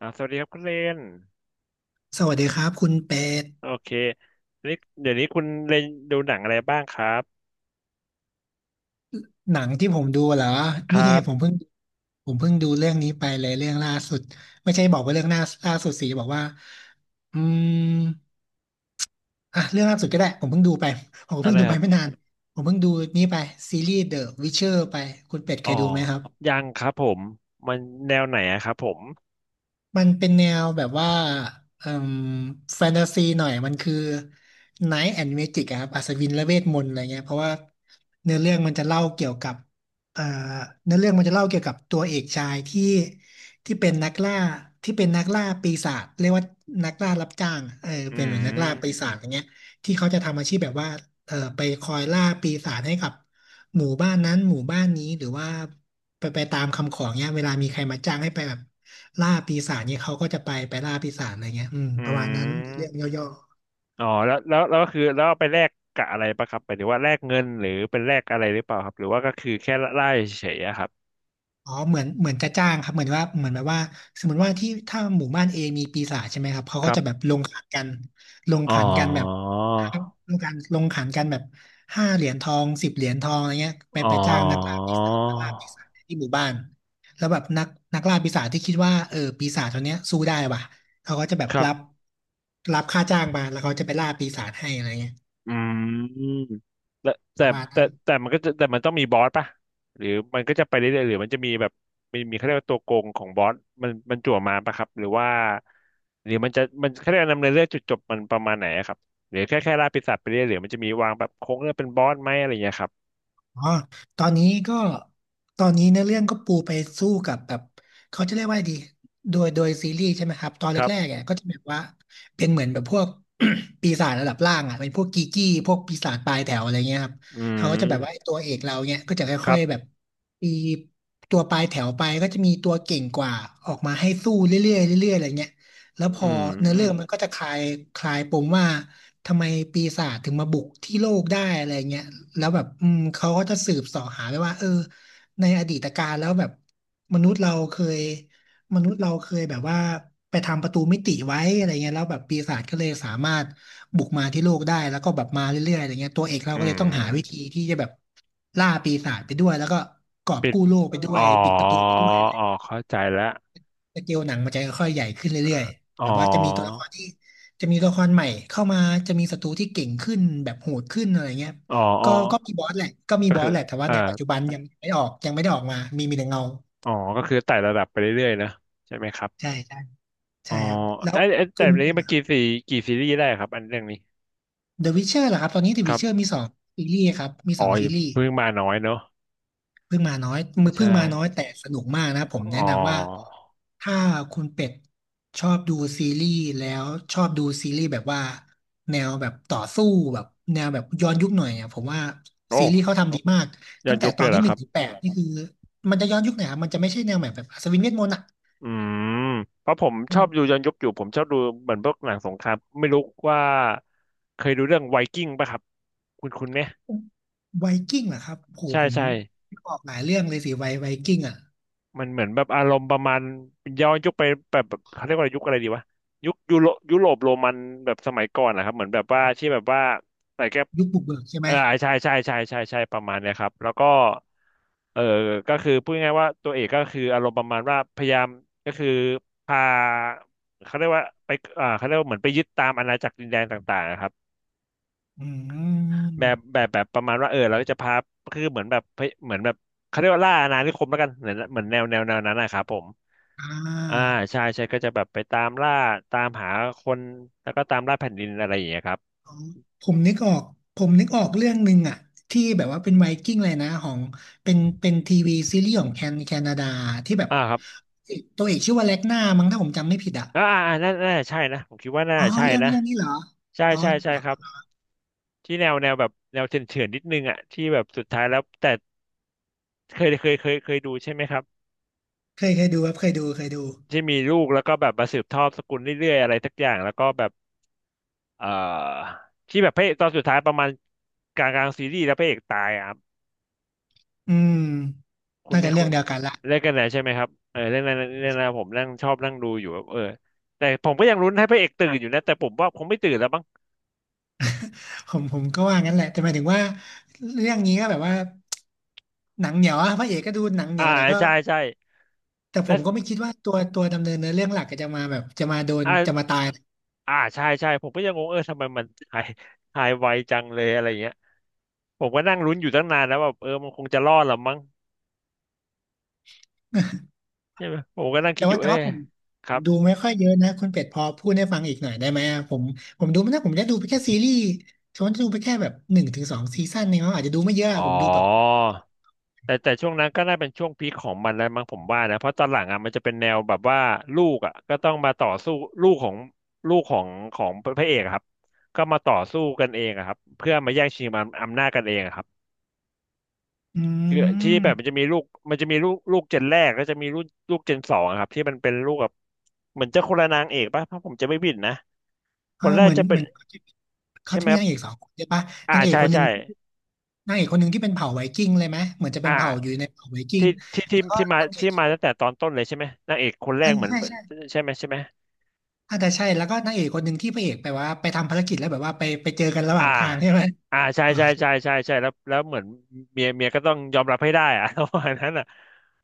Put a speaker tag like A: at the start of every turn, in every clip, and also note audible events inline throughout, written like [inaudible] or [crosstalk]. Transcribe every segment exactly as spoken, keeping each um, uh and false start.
A: อ่าสวัสดีครับคุณเลน
B: สวัสดีครับคุณเป็ด
A: โอเคนี่เดี๋ยวนี้คุณเลนดูหนังอะไรบ้างครับ
B: หนังที่ผมดูเหรอ
A: ค
B: นี่
A: รั
B: ผม
A: บ
B: เพิ่งผมเพิ่งดูเรื่องนี้ไปเลยเรื่องล่าสุดไม่ใช่บอกว่าเรื่องหน้าล่าสุดสิบอกว่าอืมอ่ะเรื่องล่าสุดก็ได้ผมเพิ่งดูไปผมก็
A: อะ
B: เพิ่
A: ไร
B: งดู
A: ค
B: ไป
A: รับ
B: ไม่นานผมเพิ่งดูนี่ไปซีรีส์ The Witcher ไปคุณเป็ดเค
A: อ๋อ
B: ยดูไหมครับ
A: ยังครับผมมันแนวไหนอะครับผม
B: มันเป็นแนวแบบว่าเอ่มแฟนตาซีหน่อยมันคือ Night and Magic อะครับอัศวินและเวทมนต์อะไรเงี้ยเพราะว่าเนื้อเรื่องมันจะเล่าเกี่ยวกับเอ่อเนื้อเรื่องมันจะเล่าเกี่ยวกับตัวเอกชายที่ที่เป็นนักล่าที่เป็นนักล่าปีศาจเรียกว่านักล่ารับจ้างอะเออ
A: อื
B: เป็นเหมือนนักล่าปี
A: ม
B: ศาจอย่างเงี้ยที่เขาจะทำอาชีพแบบว่าเอ่อไปคอยล่าปีศาจให้กับหมู่บ้านนั้นหมู่บ้านนี้หรือว่าไปไปตามคำขอเงี้ยเวลามีใครมาจ้างให้ไปแบบ ล่าปีศาจเนี่ยเขาก็จะไปไปล่าปีศาจอะไรเงี้ยอืม
A: อื
B: ประมาณนั้นเรื่อ
A: ม
B: งย่อ
A: อ๋อแล้วแล้วแล้วก็คือแล้วเอาไปแลกกับอะไรปะครับหมายถึงว่าแลกเงินหรือเป็นแลกอะไรหรือเปล่าครับหรือว่าก็คือแค่ไล่เฉยๆอะครับ
B: ๆอ๋อเหมือนเหมือนจะจ้างครับเหมือนว่าเหมือนแบบว่าสมมติว่าที่ถ้าหมู่บ้านเอมีปีศาจใช่ไหมครับเขา
A: ค
B: ก็
A: รั
B: จะแบบ
A: บ
B: ลงขันกันลง
A: อ๋อ
B: ขันกันแบบลงกันลงขันกันแบบห้าเหรียญทองสิบเหรียญทองอะไรเงี้ยไป
A: อ๋อ
B: ไปจ้างนักล่าปีศาจนักล่าปีศาจที่หมู่บ้านแล้วแบบนักนักล่าปีศาจที่คิดว่าเออปีศาจตัวเนี้ยสู้ได้ว่ะเขาก็จะแบบ
A: ครับ
B: รับรับค่าจ้างมาแล้วเขาจะไปล่าปีศาจให้อะไรเงี้ย
A: อืมแต่
B: ป
A: แต่
B: ระมาณ
A: แต่
B: นั้น
A: แต่มันก็จะแต่มันต้องมีบอสป่ะหรือมันก็จะไปเรื่อยๆหรือมันจะมีแบบมีมีเขาเรียกว่าตัวโกงของบอสมันมันจั่วมาป่ะครับหรือว่าหรือมันจะมันเขาเรียกว่าดำเนินเรื่องจุดจบมันประมาณไหนอะครับหรือแค่แค่ล่าปีศาจไปเรื่อยหรือมันจะมีวางแบบโค้งเรื่องเป็นบอสไหมอะไรอย่างเงี้ยครับ
B: อ๋อตอนนี้ก็ตอนนี้เนื้อเรื่องก็ปูไปสู้กับแบบเขาจะเรียกว่าดีโดยโดยซีรีส์ใช่ไหมครับตอน
A: ค
B: แร
A: รั
B: ก
A: บ
B: ๆอ่ยก็จะแบบว่าเป็นเหมือนแบบพวก [clears throat] [coughs] ปีศาจระดับล่างอ่ะเป็นพวกกีกี้พวกปีศาจปลายแถวอะไรเงี้ยครับ
A: อื
B: เขาก็จะแบบว่าไอ้
A: ม
B: ตัวเอกเราเนี่ยก็จะ
A: ค
B: ค่อ
A: รั
B: ย
A: บ
B: ๆแบบปีตัวปลายแถวไปก็จะมีตัวเก่งกว่าออกมาให้สู้เรื่อยๆเรื่อยๆอะไรเงี้ย แล้วพ
A: อื
B: อเนื้อเรื่องมัน
A: ม
B: ก็จะคลายคลายปมว่าทำไมปีศาจถึงมาบุกที่โลกได้อะไรเงี้ยแล้วแบบอืมเขาก็จะสืบเสาะหาไปว่าเออในอดีตการแล้วแบบมนุษย์เราเคยมนุษย์เราเคยแบบว่าไปทำประตูมิติไว้อะไรเงี้ยแล้วแบบปีศาจก็เลยสามารถบุกมาที่โลกได้แล้วก็แบบมาเรื่อยๆอะไรเงี้ยตัวเอกเรา
A: อื
B: ก็เลยต้องหาวิธี
A: ม
B: ที่จะแบบล่าปีศาจไปด้วยแล้วก็กอบ
A: ปิด
B: กู้โลกไปด้
A: อ๋
B: ว
A: อ
B: ยปิดประตูไปด้วย
A: อ๋อเข้าใจแล้ว
B: สเกลหนังมันจะค่อยๆใหญ่ขึ้นเรื่อย
A: อ๋
B: ๆ
A: อ
B: แบบว่าจะมีตัวละครที่จะมีตัวละครใหม่เข้ามาจะมีศัตรูที่เก่งขึ้นแบบโหดขึ้นอะไรเงี้ย
A: อ๋ออ๋อ
B: ก็ก็มีบอสแหละก็มี
A: ก็
B: บอ
A: คือ
B: สแหละแต่ว่า
A: อ่า
B: ในปัจจุบันยังไม่ออกยังไม่ได้ออกมามีมีแต่เงา
A: อ๋อ ก็คือไต่ระดับไปเรื่อยๆนะใช่ไหมครับ
B: ใช่ใช่
A: อ๋
B: ใช่
A: อ
B: ครับแล้ว
A: ไอ้ไอ้แต่
B: คุณเป็
A: นี้
B: นไง
A: มัน
B: ครั
A: กี่
B: บ
A: ซีกี่ซีรีส์ได้ครับอันเรื่องนี้
B: The Witcher เหรอครับตอนนี้ The
A: ครับ
B: Witcher มีสองซีรีส์ครับมี
A: อ๋
B: ส
A: อ
B: องซีรีส์
A: เพิ่งมาน้อยเนอะ
B: เพิ่งมาน้อยมื
A: ไม่
B: อเพิ่
A: ใช่
B: งมาน้อยแต่สนุกมากนะผมแนะ
A: อ๋อ
B: นำว่าถ้าคุณเป็ดชอบดูซีรีส์แล้วชอบดูซีรีส์แบบว่าแนวแบบต่อสู้แบบแนวแบบย้อนยุคหน่อยอ่ะผมว่า
A: โอ้
B: ซีรีส์เขาทำดีมาก
A: ย้อ
B: ตั้
A: น
B: งแต่
A: ยุค
B: ต
A: เล
B: อน
A: ยเหร
B: ที่
A: อ
B: ห
A: ค
B: นึ่ง
A: รั
B: ถึง
A: บ
B: แปดนี่คือมันจะย้อนยุคไหนอยครับมันจะไม่ใช่แนวแบบแบบอัศวินเวทมนต์อ่ะ
A: อืมเพราะผมช
B: อื
A: อ
B: ม
A: บดูย้อนยุคอยู่ผมชอบดูเหมือนพวกหนังสงครามไม่รู้ว่าเคยดูเรื่องไวกิ้งป่ะครับคุณคุณไหม
B: ไวกิ้งเหรอครับโห
A: ใช่
B: ผม
A: ใช่
B: ออกหลายเรื่องเลยสิไวไวกิ้งอ่ะ
A: มันเหมือนแบบอารมณ์ประมาณย้อนยุคไปแบบแบบเขาเรียกว่ายุคอะไรดีวะยุคยุโรยุโรปโรมันแบบสมัยก่อนนะครับเหมือนแบบว่าที่แบบว่าใส่แก้ว
B: ยุคบุกเบิกใช่ไห
A: เอ
B: ม
A: อใช่ใช่ใช่ใช่ใช่ประมาณเนี้ยครับแล้วก็เออก็คือพูดง่ายๆว่าตัวเอกก็คืออารมณ์ประมาณว่าพยายามก็คือพาเขาเรียกว่าไปอ่าเขาเรียกว่าเหมือนไปยึดตามอาณาจักรดินแดนต่างๆนะครับ
B: อื
A: แบบ
B: ม
A: แบบแบบประมาณว่าเออเราก็จะพาคือเหมือนแบบเหมือนแบบเขาเรียกว่าล่าอาณานิคมแล้วกันเหมือนเหมือนแนวแนวแนวนั้นนะครับผม
B: อ่
A: อ่า
B: า
A: ใช่ใช่ก็จะแบบไปตามล่าตามหาคนแล้วก็ตามล่าแผ่นดินอะไรอย่างเงี้ยครับ
B: ผมนึกออกผมนึกออกเรื่องหนึ่งอะที่แบบว่าเป็นไวกิ้งเลยนะของเป็นเป็นทีวีซีรีส์ของแคนแคนาดาที่แบบ
A: อ่าครับ
B: ตัวเอกชื่อว่าแล็กนามั้งถ้าผมจำไม่ผิดอะ
A: อ่าอ่าอ่าน่าน่าใช่นะผมคิดว่าน่า
B: อ๋อ
A: ใช่
B: เรื่อง
A: นะ
B: เรื่องนี้เหรอ
A: ใช่
B: อ๋อ
A: ใช่ใช่ครับที่แนวแนวแบบแนวเถื่อนๆนิดนึงอ่ะที่แบบสุดท้ายแล้วแต่เคยเคยเคยเคยดูใช่ไหมครับ
B: เคยเคยดูครับเคยดูเคยดู
A: ที่มีลูกแล้วก็แบบมาสืบทอดสกุลเรื่อยๆอะไรสักอย่างแล้วก็แบบ เอ่อที่แบบพระเอกตอนสุดท้ายประมาณกลางกลางซีรีส์แล้วพระเอกตายอ่ะครับ
B: อืม
A: คุณ
B: น่า
A: ไม่
B: จะเรื่
A: คุ
B: อ
A: ณ
B: งเดียวกันละ
A: เล่นกันไหนใช่ไหมครับเออเรื่องนั้นเรื่องนั้นผมนั่งชอบนั่งดูอยู่แบบเออแต่ผมก็ยังลุ้นให้พระเอกตื่นอยู่นะแต่ผมว่าคงไม่ตื่นแล้วบ้าง
B: ผมผมก็ว่างั้นแหละแต่หมายถึงว่าเรื่องนี้ก็แบบว่าหนังเหนียวอะพระเอกก็ดูหนังเหนี
A: อ่า
B: ยวแต่ก็
A: ใช่ใช่
B: แต่ผ
A: และ
B: มก็ไม่คิดว่าตัวตัวดำเนินเนื้อเรื่องหลักก็จะมาแบบจะมาโดน
A: อ่า
B: จะมาตาย
A: อ่าใช่ใช่ผมก็ยังงงเออทำไมมันหายหายไวจังเลยอะไรอย่างเงี้ยผมก็นั่งลุ้นอยู่ตั้งนานแล้วแบบเออมันคงจะรอดหรอมั้งใช่ไหมผมก็นั่ง
B: แต่
A: คิดอ
B: ว่า
A: ยู่
B: แต่
A: เออ
B: ว่าผม
A: ค
B: ผ
A: รั
B: ม
A: บ
B: ดูไม่ค่อยเยอะนะคุณเป็ดพอพูดให้ฟังอีกหน่อยได้ไหมอะผมผมดูไม่ได้ผมได้ดูไปแค่ซีรีส์ฉันจะดูไปแค่แบบหนึ่งถึงสองซีซั่นเองเขาอาจจะดูไม่เยอะ
A: อ๋
B: อะ
A: อ
B: ผมดูแบบ
A: แต่แต่ช่วงนั้นก็น่าเป็นช่วงพีคของมันแล้วมั้งผมว่านะเพราะตอนหลังอ่ะมันจะเป็นแนวแบบว่าลูกอ่ะก็ต้องมาต่อสู้ลูกของลูกของของพระเอกอะครับก็มาต่อสู้กันเองอะครับเพื่อมาแย่งชิงอำอำนาจกันเองอะครับ
B: อื
A: คือที่แบบมันจะ
B: ม
A: มีลูกมันจะมีลูกลูกเจนแรกก็จะมีลูกลูกเจนสองอะครับที่มันเป็นลูกแบบเหมือนจะคนละนางเอกป่ะถ้าผมจะไม่ผิดนะ
B: เอ
A: ค
B: อ
A: นแร
B: เห
A: ก
B: มือน
A: จะเป็
B: เห
A: น
B: มือนเขาจะเขา
A: ใช่ไห
B: จะ
A: ม
B: มี
A: ครับ
B: นางเอกสองคนใช่ปะ
A: อ่า
B: นางเอก
A: ใช่
B: คนหนึ่
A: ใช่
B: งนางเอกคนหนึ่งที่เป็นเผ่าไวกิ้งเลยไหมเหมือนจะเป็นเผ่าอยู่
A: อ่า
B: ในเผ่าไวกิ้ง
A: ที่ที่ที่
B: แล้วก็
A: ที่มา
B: นางเอก
A: ที่
B: อีก
A: มา
B: คน
A: ตั้งแต่ตอนต้นเลยใช่ไหมนางเอกคนแร
B: อั
A: ก
B: น
A: เหมือน
B: ใช่ใช่
A: ใช่ไหมใช่ไหม
B: อาจจะใช่แล้วก็นางเอกคนหนึ่งที่พระเอกไปว่าไปทำภารกิจแล้วแบบว่าไปไปเจอกันระห
A: อ่า
B: ว่างทางใช่ไหม
A: อ่าใช่
B: โอ
A: ใช่
B: เค
A: ใช่ใช่ใช่แล้วแล้วเหมือนเมียเมียก็ต้องยอมรับให้ได้อะ [laughs] ประมาณนั้นอ่ะ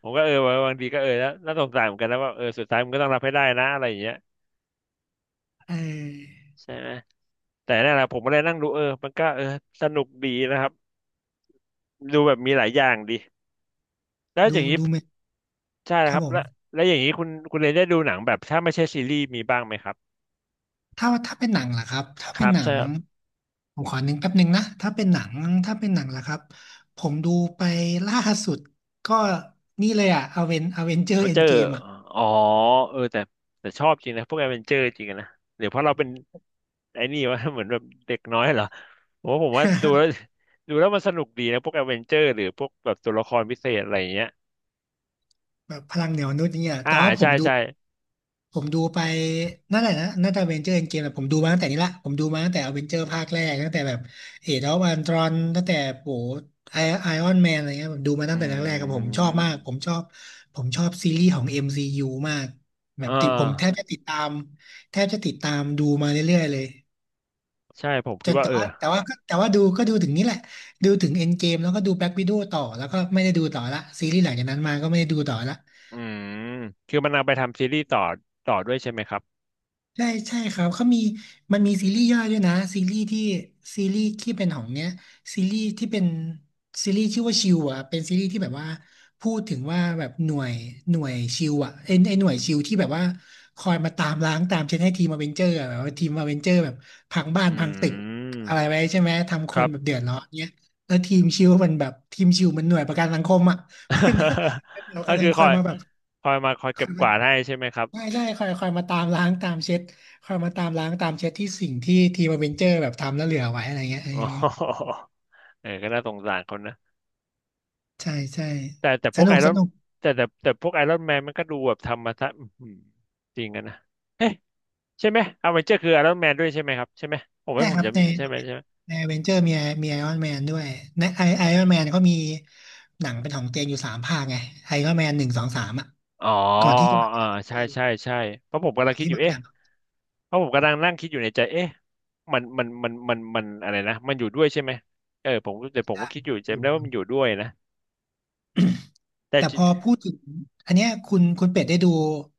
A: ผมก็เออบางทีก็เออแล้วน่าสงสารเหมือนกันนะว่าเออสุดท้ายมันก็ต้องรับให้ได้นะอะไรอย่างเงี้ย
B: เออ
A: ใช่ไหมแต่นั่นแหละผมก็เลยนั่งดูเออมันก็เออสนุกดีนะครับดูแบบมีหลายอย่างดีแล้วอ
B: ดู
A: ย่างนี้
B: ดูไหม
A: ใช่
B: ค
A: ค
B: รับ
A: รับ
B: ผม
A: แล้วแล้วอย่างนี้คุณคุณเลยได้ดูหนังแบบถ้าไม่ใช่ซีรีส์มีบ้างไหมครับ
B: ถ้าถ้าเป็นหนังล่ะครับถ้า
A: ค
B: เป็
A: รั
B: น
A: บ
B: หนั
A: ใช่
B: ง
A: ครับ
B: ผมขอนึงแป๊บนึงนะถ้าเป็นหนังถ้าเป็นหนังล่ะครับผมดูไปล่าสุดก็นี่เลยอะอเวนอเวนเจอร์
A: เอา
B: เอ็
A: เจ
B: น
A: อ
B: เกมอะ
A: อ๋อเออแต่แต่ชอบจริงนะพวกแอดเวนเจอร์จริงอะนะเดี๋ยวเพราะเราเป็นไอ้นี่วะ [laughs] เหมือนแบบเด็กน้อยเหรอ โอ้ผมว่าดูแล้ว
B: [laughs]
A: [laughs] ดูแล้วมันสนุกดีนะพวกแอดเวนเจอร์หรือพวกแบบตัวละครพิเศษอะไรอย่างเงี้ย
B: แบบพลังเหนียวนุษย์เนี่ย
A: อ่า
B: แต่ว่าผ
A: ใช่
B: มดู
A: ใช่
B: ผมดูไปนั่นแหละนะน่าจะเวนเจอร์เอ็นเกมแต่ผมดูมาตั้งแต่นี้ละผมดูมาตั้งแต่อเวนเจอร์ภาคแรกตั้งแต่แบบเอเดนอันตรอนตั้งแต่โหไอไอออนแมนอะไรเงี้ยผมดูมา
A: อื
B: ตั้งแต่แรกๆกับผมชอบมากผ
A: ม
B: มชอบผมชอบซีรีส์ของ เอ็ม ซี ยู มซียูมากแบ
A: อ่
B: บติดผมแทบ
A: า
B: จะติดตามแทบจะติดตามดูมาเรื่อยๆเลย
A: ใช่ผม
B: จ
A: คิด
B: น
A: ว่า
B: แต่
A: เออ
B: ว่าแต่ว่าก็แต่ว่าดูก็ดูถึงนี้แหละดูถึงเอ็นเกมแล้วก็ดูแบล็ c วิด d โ w ต่อแล้วก็ไม่ได้ดูต่อละซีรีส์หลังจากนั้นมาก็ไม่ได้ดูต่อละ
A: อืมคือมันเอาไปทำซีรีส์ต่อต่อด้วยใช่ไหมครับ
B: ใช่ใช่ครับเขามีมันมีซีรีส์ย่อยด้วยนะซีรีส์ที่ซีรีส์ที่เป็นของเนี้ยซีรีส์ที่เป็นซีรีส์ชื่อว่าชิวอ่ะเป็นซีรีส์ที่แบบว่าพูดถึงว่าแบบหน่วยหน่วยชิวอ่ะไอไอหน่วยชิวที่แบบว่าคอยมาตามล้างตามเช็ดให้ทีมอเวนเจอร์แบบว่าทีมอเวนเจอร์แบบพังบ้า
A: อื
B: นพังตึก
A: ม
B: อะไรไว้ใช่ไหมทำค
A: ครั
B: น
A: บ
B: แบบเดือดร้อนเนี้ยแล้วทีมชิวมันแบบทีมชิวมันหน่วยประกันสังคมอ่ะ [laughs] มัน
A: [laughs]
B: มันเรา
A: ก็
B: กำลั
A: คื
B: ง
A: อ
B: ค
A: ค
B: อ
A: อ
B: ย
A: ย
B: มาแบบ
A: คอยมาคอยเก็บกวาดให้ใช่ไหมครับ
B: ได่ใช่คอยคอยมาตามล้างตามเช็ดคอยมาตามล้างตามเช็ดที่สิ่งที่ทีมอเวนเจอร์แบบทำแล้วเหลือไว้อะไรเงี้ยเออ
A: อ๋อ [laughs] เออก็น่าสงสารคนนะ
B: ใช่ใช่
A: แต่แต่พ
B: ส
A: วก
B: นุ
A: ไอ
B: ก
A: ร
B: ส
A: อน
B: นุก
A: แต่แต่แต่พวกไอรอนแมนมันก็ดูแบบทำมาซะอื้อหือจริงกันนะ ใช่ไหมอเวนเจอร์คือไอรอนแมนด้วยใช่ไหมครับใช่ไหมผมว่า
B: ใช่
A: ผ
B: ค
A: ม
B: รับ
A: จะ
B: ใน
A: ใช่ไหมใช่ไหม
B: ในอเวนเจอร์มีมีไอรอนแมนด้วยในไอไอรอนแมนเขามีหนังเป็นของตัวเนอยู่สามภาคไงไอรอนแมนหนึ่งสองสามอ่ะ
A: อ๋อ
B: ก่อนที่จะมาเป็
A: อ่า
B: น
A: ใช่
B: Avenger
A: ใช่ใช่เพราะผมกำลั
B: ก่
A: ง
B: อน
A: คิด
B: ที่
A: อยู่
B: มาเป็น
A: เอ๊ะ
B: หนังของตัวเ
A: เพราะผมกำลังนั่งคิดอยู่ในใจเอ๊ะมันมันมันมันมันอะไรนะมันอยู่ด้วยใช่ไหมเออผม
B: อ
A: แต่ผ
B: ง
A: มก็
B: ได้
A: คิดอ
B: ค
A: ยู่
B: รับอ
A: จำ
B: ยู่
A: ได้
B: อ
A: ว่า
B: ยู่
A: มันอยู่ด้วยนะแต่
B: แต่
A: จิ
B: พอพูดถึงอันเนี้ยคุณคุณเป็ดได้ดู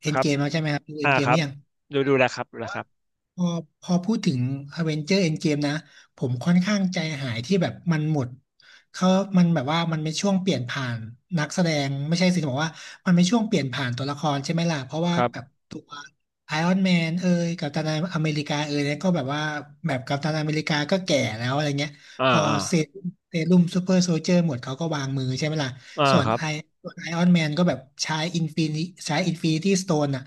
B: เอ็
A: ค
B: น
A: รั
B: เก
A: บ
B: มแล้วใช่ไหมครับดูเอ็
A: อ่า
B: นเก
A: ค
B: มห
A: รั
B: รื
A: บ
B: อยัง
A: ดูดูแลครับดูแลครับ
B: พอพอพูดถึง Avenger Endgame นะผมค่อนข้างใจหายที่แบบมันหมดเขามันแบบว่ามันเป็นช่วงเปลี่ยนผ่านนักแสดงไม่ใช่สิจะบอกว่ามันเป็นช่วงเปลี่ยนผ่านตัวละครใช่ไหมล่ะเพราะว่า
A: ครั
B: แบบ
A: บ
B: ตัวไอรอนแมนเอ่ยกัปตันอเมริกาเอ่ยเนี่ยก็แบบว่าแบบกัปตันอเมริกาก็แก่แล้วอะไรเงี้ย
A: อ่า
B: พอ
A: อ่า
B: เซรุ่มเซรุ่มซูเปอร์โซลเจอร์หมดเขาก็วางมือใช่ไหมล่ะ
A: อ่า
B: ส่วน
A: ครับ
B: ไอส่วนไอรอนแมนก็แบบใช้อินฟินิใช้อินฟินิตี้สโตนอ่ะ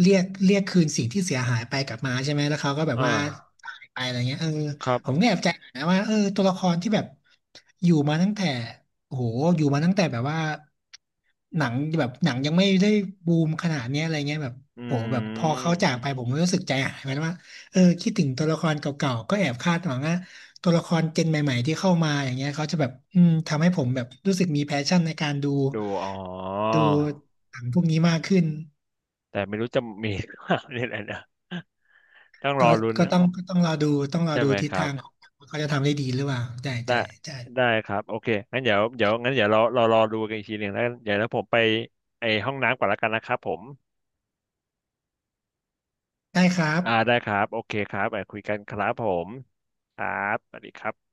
B: เรียกเรียกคืนสิ่งที่เสียหายไปกลับมาใช่ไหมแล้วเขาก็แบบ
A: อ่
B: ว่า
A: า
B: หายไปอะไรเงี้ยเออ
A: ครั
B: ผม
A: บ
B: ก็แอบใจหายนะว่าเออตัวละครที่แบบอยู่มาตั้งแต่โอ้โหอยู่มาตั้งแต่แบบว่าหนังแบบหนังยังไม่ได้บูมขนาดเนี้ยอะไรเงี้ยแบบ
A: อื
B: โหแบบพอเขาจาก
A: ม
B: ไปผมก็รู้สึกใจหายเหมือนกันว่าเออคิดถึงตัวละครเก่าๆก็แอบคาดหวังว่าตัวละครเจนใหม่ๆที่เข้ามาอย่างเงี้ยเขาจะแบบอืมทำให้ผมแบบรู้สึกมีแพชชั่นในการดู
A: ดูอ๋อ
B: ดูหนังพวกนี้มากขึ้น
A: แต่ไม่รู้จะมี [laughs] หรือเปล่านี่แหละนะ [laughs] ต้องรอ
B: ก็
A: ลุ้น
B: ก็ต้องก็ต้องรอดูต้องรอ
A: ใช่
B: ดู
A: ไหม
B: ทิ
A: ค
B: ศ
A: รับ
B: ทางของเขาจะทำได้ดีหรือเปล่าใช่
A: ได้
B: ใช่ใช่
A: ได้ครับโอเคงั้นเดี๋ยวเดี๋ยวงั้นเดี๋ยวเราเรารอดูกันอีกทีหนึ่งแล้วเดี๋ยวแล้วผมไปไอห้องน้ำก่อนละกันนะครับผม
B: ได้ครับ
A: อ่าได้ครับโอเคครับไปคุยกันครับผมครับสวัสดีครับ